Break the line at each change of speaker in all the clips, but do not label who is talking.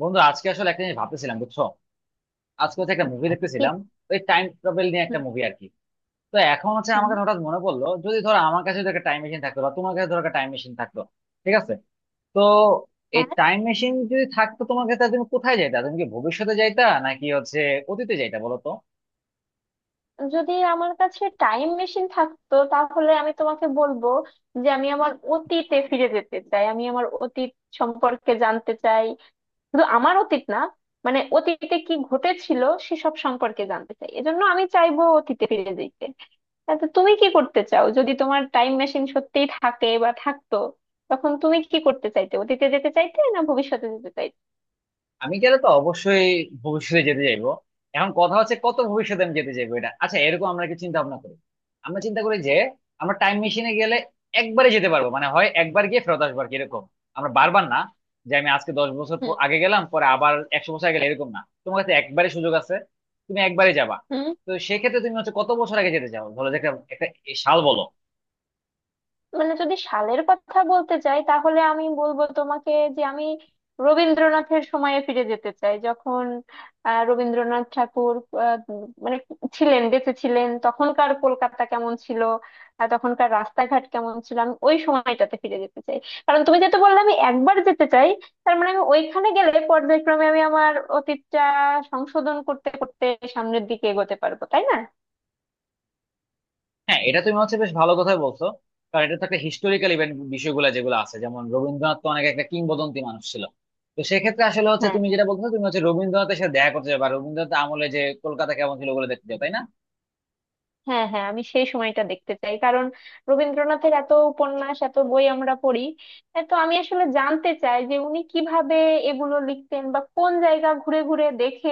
বন্ধু, আজকে আসলে একটা জিনিস ভাবতেছিলাম, বুঝছো? আজকে হচ্ছে একটা মুভি দেখতেছিলাম,
কি?
ওই টাইম ট্রাভেল নিয়ে একটা
হুম।
মুভি আর কি। তো এখন হচ্ছে আমার
হুম।
কাছে হঠাৎ মনে পড়লো, যদি ধরো আমার কাছে যদি একটা টাইম মেশিন থাকতো বা তোমার কাছে ধরো একটা টাইম মেশিন থাকতো, ঠিক আছে? তো এই
হ্যাঁ।
টাইম মেশিন যদি থাকতো তোমার কাছে, তাহলে তুমি কোথায় যাইতা? তুমি কি ভবিষ্যতে যাইতা নাকি হচ্ছে অতীতে যাইতা বলো তো?
যদি আমার কাছে টাইম মেশিন থাকতো তাহলে আমি তোমাকে বলবো যে আমি আমার অতীতে ফিরে যেতে চাই, আমি আমার অতীত সম্পর্কে জানতে চাই। শুধু আমার অতীত না, মানে অতীতে কি ঘটেছিল সেসব সম্পর্কে জানতে চাই, এজন্য আমি চাইবো অতীতে ফিরে যেতে। তা তো, তুমি কি করতে চাও যদি তোমার টাইম মেশিন সত্যিই থাকে বা থাকতো? তখন তুমি কি করতে চাইতে, অতীতে যেতে চাইতে না ভবিষ্যতে যেতে চাইতে?
আমি গেলে তো অবশ্যই ভবিষ্যতে যেতে চাইবো। এখন কথা হচ্ছে কত ভবিষ্যতে আমি যেতে চাইবো, এটা, আচ্ছা, এরকম আমরা কি চিন্তা ভাবনা করি? আমরা চিন্তা করি যে আমরা টাইম মেশিনে গেলে একবারে যেতে পারবো, মানে হয় একবার গিয়ে ফেরত আসবার কি এরকম, আমরা বারবার না। যে আমি আজকে 10 বছর আগে গেলাম, পরে আবার 100 বছর আগে গেলে এরকম না, তোমার কাছে একবারে সুযোগ আছে। তুমি একবারে যাবা।
হুম।
তো সেক্ষেত্রে তুমি হচ্ছে কত বছর আগে যেতে চাও, ধরো যে একটা একটা সাল বলো।
মানে যদি সালের কথা বলতে চাই তাহলে আমি বলবো তোমাকে যে আমি রবীন্দ্রনাথের সময়ে ফিরে যেতে চাই, যখন রবীন্দ্রনাথ ঠাকুর, মানে ছিলেন, বেঁচে ছিলেন, তখনকার কলকাতা কেমন ছিল আর তখনকার রাস্তাঘাট কেমন ছিল। আমি ওই সময়টাতে ফিরে যেতে চাই। কারণ তুমি যেটা বললে আমি একবার যেতে চাই, তার মানে আমি ওইখানে গেলে পর্যায়ক্রমে আমি আমার অতীতটা সংশোধন করতে করতে সামনের দিকে এগোতে পারবো, তাই না?
হ্যাঁ, এটা তুমি হচ্ছে বেশ ভালো কথাই বলছো। কারণ এটা তো একটা হিস্টোরিক্যাল ইভেন্ট, বিষয়গুলো যেগুলো আছে, যেমন রবীন্দ্রনাথ তো অনেক একটা কিংবদন্তি মানুষ ছিল। তো সেক্ষেত্রে আসলে হচ্ছে
হ্যাঁ,
তুমি যেটা বলছো, তুমি হচ্ছে রবীন্দ্রনাথের সাথে দেখা করতে যাবে, আর রবীন্দ্রনাথ আমলে যে কলকাতা কেমন ছিল ওগুলো দেখতে যাবে, তাই না?
হ্যাঁ। হ্যাঁ, আমি সেই সময়টা দেখতে চাই। কারণ রবীন্দ্রনাথের এত উপন্যাস, এত বই আমরা পড়ি, এ তো আমি আসলে জানতে চাই যে উনি কিভাবে এগুলো লিখতেন বা কোন জায়গা ঘুরে ঘুরে দেখে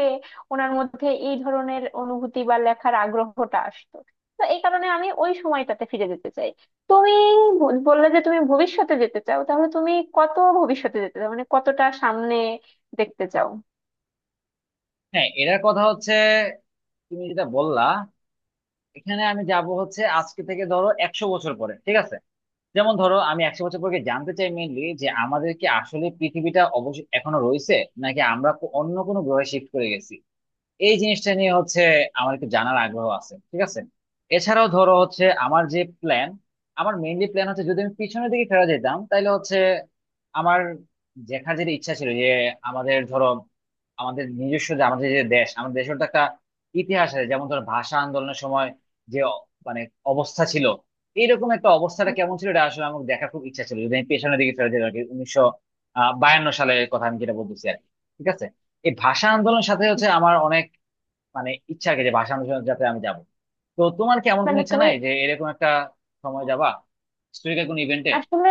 ওনার মধ্যে এই ধরনের অনুভূতি বা লেখার আগ্রহটা আসতো। তো এই কারণে আমি ওই সময়টাতে ফিরে যেতে চাই। তুমি বললে যে তুমি ভবিষ্যতে যেতে চাও, তাহলে তুমি কত ভবিষ্যতে যেতে চাও, মানে কতটা সামনে দেখতে চাও?
হ্যাঁ, এটার কথা হচ্ছে তুমি যেটা বললা, এখানে আমি যাব হচ্ছে আজকে থেকে ধরো 100 বছর পরে, ঠিক আছে। যেমন ধরো আমি 100 বছর পরে গিয়ে জানতে চাই মেইনলি যে আমাদের কি আসলে পৃথিবীটা অবশ্যই এখনো রয়েছে, নাকি আমরা অন্য কোনো গ্রহে শিফট করে গেছি। এই জিনিসটা নিয়ে হচ্ছে আমার একটু জানার আগ্রহ আছে, ঠিক আছে। এছাড়াও ধরো হচ্ছে আমার যে প্ল্যান, আমার মেইনলি প্ল্যান হচ্ছে যদি আমি পিছনের দিকে ফেরা যেতাম তাহলে হচ্ছে আমার দেখার যেটা ইচ্ছা ছিল যে আমাদের ধরো আমাদের নিজস্ব যে আমাদের যে দেশ, আমাদের দেশের তো একটা ইতিহাস আছে, যেমন ধরো ভাষা আন্দোলনের সময় যে মানে অবস্থা ছিল, এইরকম একটা অবস্থাটা কেমন ছিল এটা আসলে আমার দেখার খুব ইচ্ছা ছিল, যদি আমি পেছনের দিকে ফেরা যেতাম আর কি, উনিশশো বায়ান্ন সালের কথা আমি যেটা বলতেছি আর কি, ঠিক আছে। এই ভাষা আন্দোলনের সাথে হচ্ছে আমার অনেক মানে ইচ্ছা আর কি যে ভাষা অনুশীলন যাতে আমি যাব। তো তোমার কি এমন কোনো
মানে
ইচ্ছা
তুমি
নাই যে এরকম একটা সময় যাবা, হিস্টোরিক্যাল কোনো ইভেন্টে?
আসলে।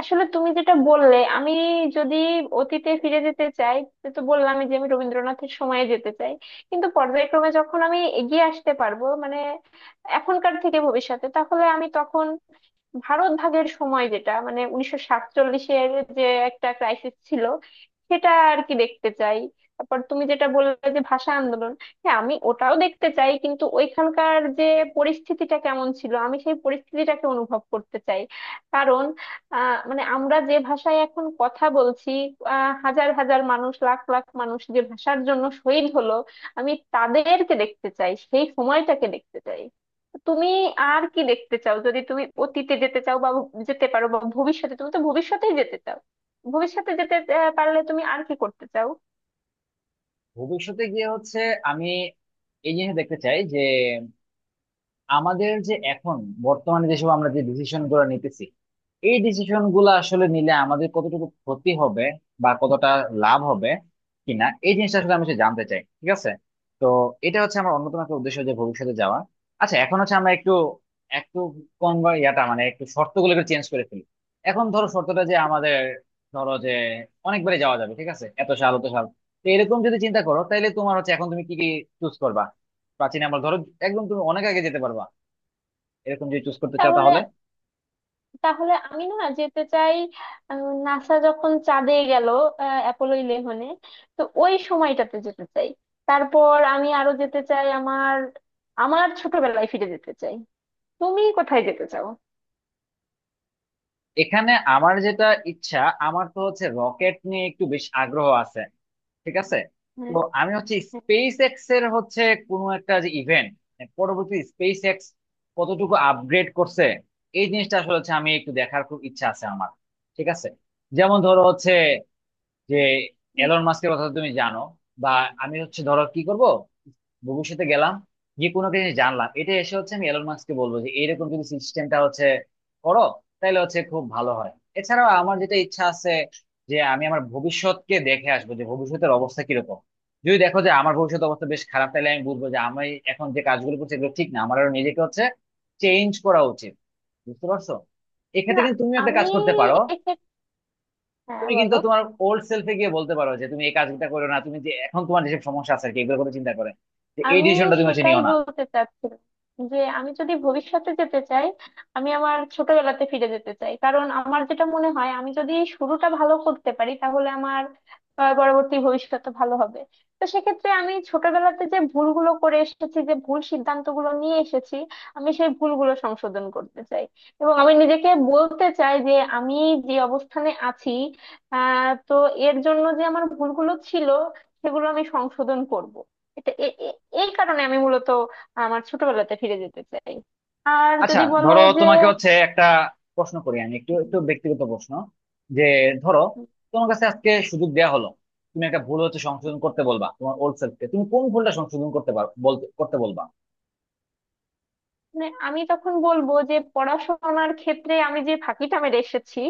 আসলে তুমি যেটা বললে, আমি যদি অতীতে ফিরে যেতে চাই সে তো বললামই যে আমি রবীন্দ্রনাথের সময়ে যেতে চাই। কিন্তু পর্যায়ক্রমে যখন আমি এগিয়ে আসতে পারবো, মানে এখনকার থেকে ভবিষ্যতে, তাহলে আমি তখন ভারত ভাগের সময়, যেটা মানে 1947-এর, যে একটা ক্রাইসিস ছিল সেটা আর কি দেখতে চাই। তারপর তুমি যেটা বললে যে ভাষা আন্দোলন, হ্যাঁ আমি ওটাও দেখতে চাই। কিন্তু ওইখানকার যে পরিস্থিতিটা কেমন ছিল আমি সেই পরিস্থিতিটাকে অনুভব করতে চাই। কারণ মানে আমরা যে ভাষায় এখন কথা বলছি, হাজার হাজার মানুষ, লাখ লাখ মানুষ যে ভাষার জন্য শহীদ হলো, আমি তাদেরকে দেখতে চাই, সেই সময়টাকে দেখতে চাই। তুমি আর কি দেখতে চাও, যদি তুমি অতীতে যেতে চাও বা যেতে পারো, বা ভবিষ্যতে? তুমি তো ভবিষ্যতেই যেতে চাও। ভবিষ্যতে যেতে পারলে তুমি আর কি করতে চাও?
ভবিষ্যতে গিয়ে হচ্ছে আমি এই জিনিস দেখতে চাই যে আমাদের যে এখন বর্তমানে যেসব আমরা যে ডিসিশন গুলো নিতেছি, এই ডিসিশন গুলো আসলে নিলে আমাদের কতটুকু ক্ষতি হবে বা কতটা লাভ হবে কিনা, এই জিনিসটা আসলে আমি সে জানতে চাই, ঠিক আছে। তো এটা হচ্ছে আমার অন্যতম একটা উদ্দেশ্য যে ভবিষ্যতে যাওয়া। আচ্ছা, এখন হচ্ছে আমরা একটু একটু কম বা ইয়াটা মানে একটু শর্তগুলো একটু চেঞ্জ করে ফেলি। এখন ধরো শর্তটা যে আমাদের, ধরো যে অনেকবারে যাওয়া যাবে, ঠিক আছে, এত সাল অত সাল। তো এরকম যদি চিন্তা করো তাহলে তোমার হচ্ছে এখন তুমি কি কি চুজ করবা? প্রাচীন, আমরা ধরো একদম তুমি অনেক আগে যেতে পারবা, এরকম যদি চুজ করতে চাও
তাহলে
তাহলে।
তাহলে আমি না যেতে চাই নাসা যখন চাঁদে গেল, অ্যাপোলো 11-এ, তো ওই সময়টাতে যেতে চাই। তারপর আমি আরো যেতে চাই, আমার আমার ছোটবেলায় ফিরে যেতে চাই। তুমি কোথায় যেতে চাও?
এখানে আমার যেটা ইচ্ছা, আমার তো হচ্ছে রকেট নিয়ে একটু বেশ আগ্রহ আছে, ঠিক আছে।
হ্যাঁ।
তো আমি হচ্ছে
হ্যাঁ।
স্পেস এক্স এর হচ্ছে কোনো একটা যে ইভেন্ট, পরবর্তী স্পেস এক্স কতটুকু আপগ্রেড করছে, এই জিনিসটা আসলে হচ্ছে আমি একটু দেখার খুব ইচ্ছা আছে আমার, ঠিক আছে। যেমন ধরো হচ্ছে যে এলন
বলুন।
মাস্কের কথা তো তুমি জানো, বা আমি হচ্ছে ধরো কি করব, ভবিষ্যতে গেলাম, যে কোনো কিছু জানলাম, এটা এসে হচ্ছে আমি এলন মাস্ককে বলবো যে এরকম যদি সিস্টেমটা হচ্ছে করো তাহলে হচ্ছে খুব ভালো হয়। এছাড়াও আমার যেটা ইচ্ছা আছে যে আমি আমার ভবিষ্যৎকে দেখে আসবো যে ভবিষ্যতের অবস্থা কিরকম, যদি দেখো যে আমার ভবিষ্যৎ অবস্থা বেশ খারাপ তাহলে আমি বুঝবো যে আমি এখন যে কাজগুলো করছি এগুলো ঠিক না, আমার আরো নিজেকে হচ্ছে চেঞ্জ করা উচিত। বুঝতে পারছো?
না।
এক্ষেত্রে কিন্তু তুমি একটা
আমি
কাজ করতে পারো।
এক্ষেত্রে। হ্যাঁ,
তুমি কিন্তু
বলো।
তোমার ওল্ড সেলফে গিয়ে বলতে পারো যে তুমি এই কাজটা করো না, তুমি যে এখন তোমার যেসব সমস্যা আছে আর কি এগুলোর কথা চিন্তা করে যে এই
আমি
ডিসিশনটা তুমি হচ্ছে
সেটাই
নিও না।
বলতে চাচ্ছিলাম যে আমি যদি ভবিষ্যতে যেতে চাই, আমি আমার ছোটবেলাতে ফিরে যেতে চাই। কারণ আমার যেটা মনে হয় আমি যদি শুরুটা ভালো করতে পারি তাহলে আমার পরবর্তী ভবিষ্যৎ ভালো হবে। তো সেক্ষেত্রে আমি ছোটবেলাতে যে ভুলগুলো করে এসেছি, যে ভুল সিদ্ধান্তগুলো নিয়ে এসেছি, আমি সেই ভুলগুলো সংশোধন করতে চাই। এবং আমি নিজেকে বলতে চাই যে আমি যে অবস্থানে আছি, তো এর জন্য যে আমার ভুলগুলো ছিল, সেগুলো আমি সংশোধন করব। এটা এ- এ- এই কারণে আমি মূলত আমার ছোটবেলাতে ফিরে যেতে চাই। আর
আচ্ছা
যদি বলো
ধরো
যে,
তোমাকে হচ্ছে একটা প্রশ্ন করি, আমি একটু একটু ব্যক্তিগত প্রশ্ন যে ধরো তোমার কাছে আজকে সুযোগ দেয়া হলো, তুমি একটা ভুল হচ্ছে সংশোধন করতে বলবা তোমার ওল্ড সেলফকে, তুমি কোন ভুলটা সংশোধন করতে পারো বলতে করতে বলবা?
মানে আমি তখন বলবো যে পড়াশোনার ক্ষেত্রে আমি যে ফাঁকিটা মেরে এসেছি,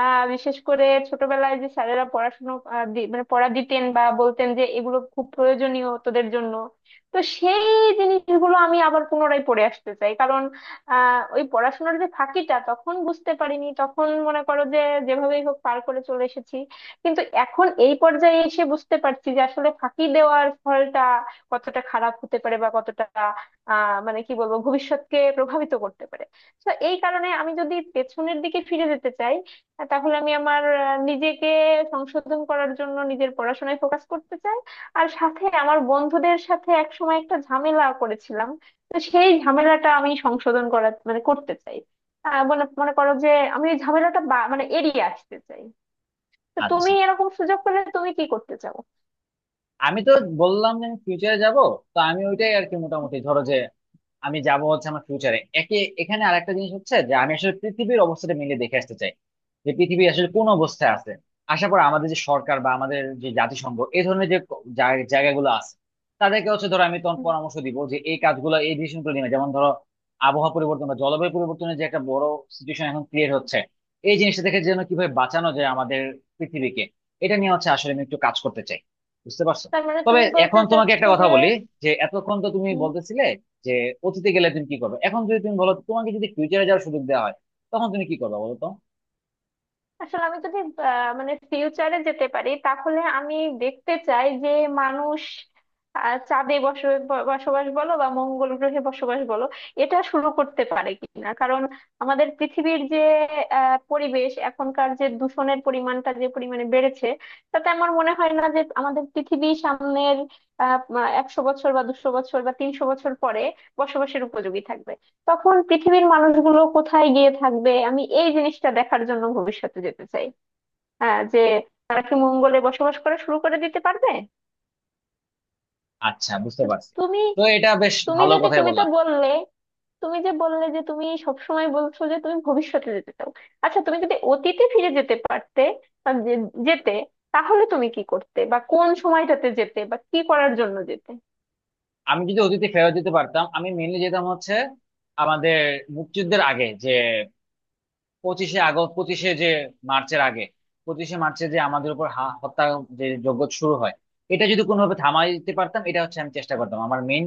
বিশেষ করে ছোটবেলায় যে স্যারেরা পড়াশোনা মানে পড়া দিতেন বা বলতেন যে এগুলো খুব প্রয়োজনীয় তোদের জন্য, তো সেই জিনিসগুলো আমি আবার পুনরায় পড়ে আসতে চাই। কারণ ওই পড়াশোনার যে ফাঁকিটা তখন বুঝতে পারিনি, তখন মনে করো যে যেভাবেই হোক পার করে চলে এসেছি। কিন্তু এখন এই পর্যায়ে এসে বুঝতে পারছি যে আসলে ফাঁকি দেওয়ার ফলটা কতটা খারাপ হতে পারে বা কতটা, মানে কি বলবো, ভবিষ্যৎকে প্রভাবিত করতে পারে। তো এই কারণে আমি যদি পেছনের দিকে ফিরে যেতে চাই, তাহলে আমি আমার নিজেকে সংশোধন করার জন্য নিজের পড়াশোনায় ফোকাস করতে চাই। আর সাথে আমার বন্ধুদের সাথে একসময় একটা ঝামেলা করেছিলাম, তো সেই ঝামেলাটা আমি সংশোধন করার মানে করতে চাই। মনে মনে করো যে আমি এই ঝামেলাটা মানে এড়িয়ে আসতে চাই। তো তুমি
আচ্ছা,
এরকম সুযোগ পেলে তুমি কি করতে চাও?
আমি তো বললাম যে আমি ফিউচারে যাব। তো আমি ওইটাই আর কি, মোটামুটি ধরো যে আমি যাব হচ্ছে আমার ফিউচারে একে। এখানে আরেকটা জিনিস হচ্ছে যে আমি আসলে পৃথিবীর অবস্থাটা মিলে দেখে আসতে চাই, যে পৃথিবী আসলে কোন অবস্থায় আছে। আশা করি আমাদের যে সরকার বা আমাদের যে জাতিসংঘ, এই ধরনের যে জায়গাগুলো আছে, তাদেরকে হচ্ছে ধরো আমি তখন
হুম।
পরামর্শ দিব যে এই কাজগুলো এই ডিসিশন গুলো নিবে, যেমন ধরো আবহাওয়া পরিবর্তন বা জলবায়ু পরিবর্তনের যে একটা বড় সিচুয়েশন এখন ক্রিয়েট হচ্ছে, এই জিনিসটা থেকে যেন কিভাবে বাঁচানো যায় আমাদের পৃথিবীকে, এটা নিয়ে হচ্ছে আসলে আমি একটু কাজ করতে চাই। বুঝতে পারছো?
তার মানে
তবে
তুমি বলতে
এখন তোমাকে একটা
চাচ্ছো
কথা
যে।
বলি, যে এতক্ষণ তো তুমি বলতেছিলে যে অতীতে গেলে তুমি কি করবে, এখন যদি তুমি বলো তোমাকে যদি ফিউচারে যাওয়ার সুযোগ দেওয়া হয়, তখন তুমি কি করবে বলো তো?
আসলে আমি যদি মানে ফিউচারে যেতে পারি তাহলে আমি দেখতে চাই যে মানুষ, চাঁদে বসবাস বলো বা মঙ্গল গ্রহে বসবাস বলো, এটা শুরু করতে পারে কিনা। কারণ আমাদের পৃথিবীর যে পরিবেশ, এখনকার যে দূষণের পরিমাণটা যে পরিমাণে বেড়েছে, তাতে আমার মনে হয় না যে আমাদের পৃথিবী সামনের আহ 100 বছর বা 200 বছর বা 300 বছর পরে বসবাসের উপযোগী থাকবে। তখন পৃথিবীর মানুষগুলো কোথায় গিয়ে থাকবে, আমি এই জিনিসটা দেখার জন্য ভবিষ্যতে যেতে চাই। হ্যাঁ, যে তারা কি মঙ্গলে বসবাস করা শুরু করে দিতে পারবে।
আচ্ছা, বুঝতে
তো
পারছি।
তুমি,
তো এটা বেশ
তুমি
ভালো
যদি
কথাই
তুমি তো
বললাম।
বললে তুমি যে বললে যে তুমি সবসময় বলছো যে তুমি ভবিষ্যতে যেতে চাও। আচ্ছা তুমি যদি অতীতে ফিরে যেতে পারতে বা যেতে, তাহলে তুমি কি করতে বা কোন সময়টাতে যেতে বা কি করার জন্য যেতে?
আমি যদি অতীতে ফেরত যেতে পারতাম আমি মেনলি যেতাম হচ্ছে আমাদের মুক্তিযুদ্ধের আগে, যে 25শে আগস্ট, পঁচিশে যে মার্চের আগে, 25শে মার্চে যে আমাদের উপর হত্যা যে যজ্ঞ শুরু হয়, এটা যদি কোনোভাবে থামাইতে
আচ্ছা।
পারতাম এটা হচ্ছে আমি চেষ্টা করতাম। আমার মেইন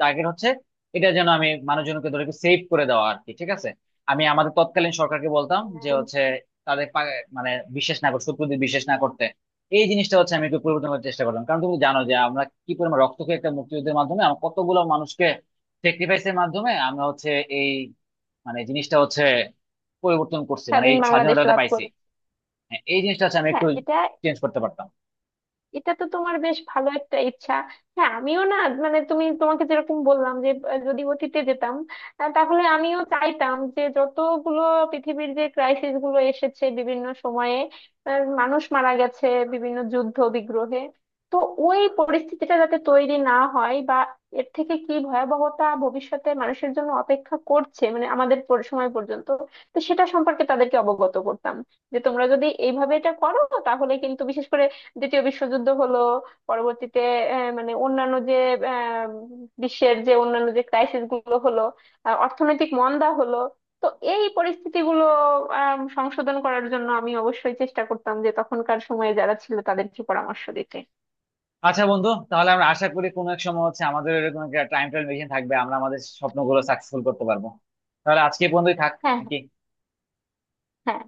টার্গেট হচ্ছে এটা, যেন আমি মানুষজনকে ধরে সেভ করে দেওয়া আর কি, ঠিক আছে। আমি আমাদের তৎকালীন সরকারকে বলতাম যে
হ্যাঁ।
হচ্ছে তাদের মানে বিশ্বাস না করতে, শত্রুদের বিশ্বাস না করতে, এই জিনিসটা হচ্ছে আমি একটু পরিবর্তন করার চেষ্টা করলাম। কারণ তুমি জানো যে আমরা কি পরিমাণ রক্ত খেয়ে একটা মুক্তিযুদ্ধের মাধ্যমে, আমরা কতগুলো মানুষকে স্যাক্রিফাইসের মাধ্যমে, আমরা হচ্ছে এই মানে জিনিসটা হচ্ছে পরিবর্তন করছি, মানে
স্বাধীন
এই
বাংলাদেশ
স্বাধীনতাটা
লাভ
পাইছি।
করে।
হ্যাঁ, এই জিনিসটা হচ্ছে আমি একটু
হ্যাঁ। এটা
চেঞ্জ করতে পারতাম।
এটা তো তোমার বেশ ভালো একটা ইচ্ছা। হ্যাঁ, আমিও না, মানে তুমি তোমাকে যেরকম বললাম যে যদি অতীতে যেতাম, তাহলে আমিও চাইতাম যে যতগুলো পৃথিবীর যে ক্রাইসিস গুলো এসেছে বিভিন্ন সময়ে, মানুষ মারা গেছে বিভিন্ন যুদ্ধ বিগ্রহে, তো ওই পরিস্থিতিটা যাতে তৈরি না হয় বা এর থেকে কি ভয়াবহতা ভবিষ্যতে মানুষের জন্য অপেক্ষা করছে মানে আমাদের সময় পর্যন্ত, তো সেটা সম্পর্কে তাদেরকে অবগত করতাম যে তোমরা যদি এইভাবে এটা করো, তাহলে কিন্তু বিশেষ করে দ্বিতীয় বিশ্বযুদ্ধ হলো, পরবর্তীতে মানে অন্যান্য যে আহ, বিশ্বের যে অন্যান্য যে ক্রাইসিস গুলো হলো, অর্থনৈতিক মন্দা হলো, তো এই পরিস্থিতিগুলো সংশোধন করার জন্য আমি অবশ্যই চেষ্টা করতাম যে তখনকার সময়ে যারা ছিল তাদেরকে পরামর্শ দিতে।
আচ্ছা বন্ধু, তাহলে আমরা আশা করি কোনো এক সময় হচ্ছে আমাদের এরকম একটা টাইম ট্রায়াল মেশিন থাকবে, আমরা আমাদের স্বপ্নগুলো সাকসেসফুল করতে পারবো। তাহলে আজকে বন্ধুই থাক
হ্যাঁ।
নাকি?
হ্যাঁ।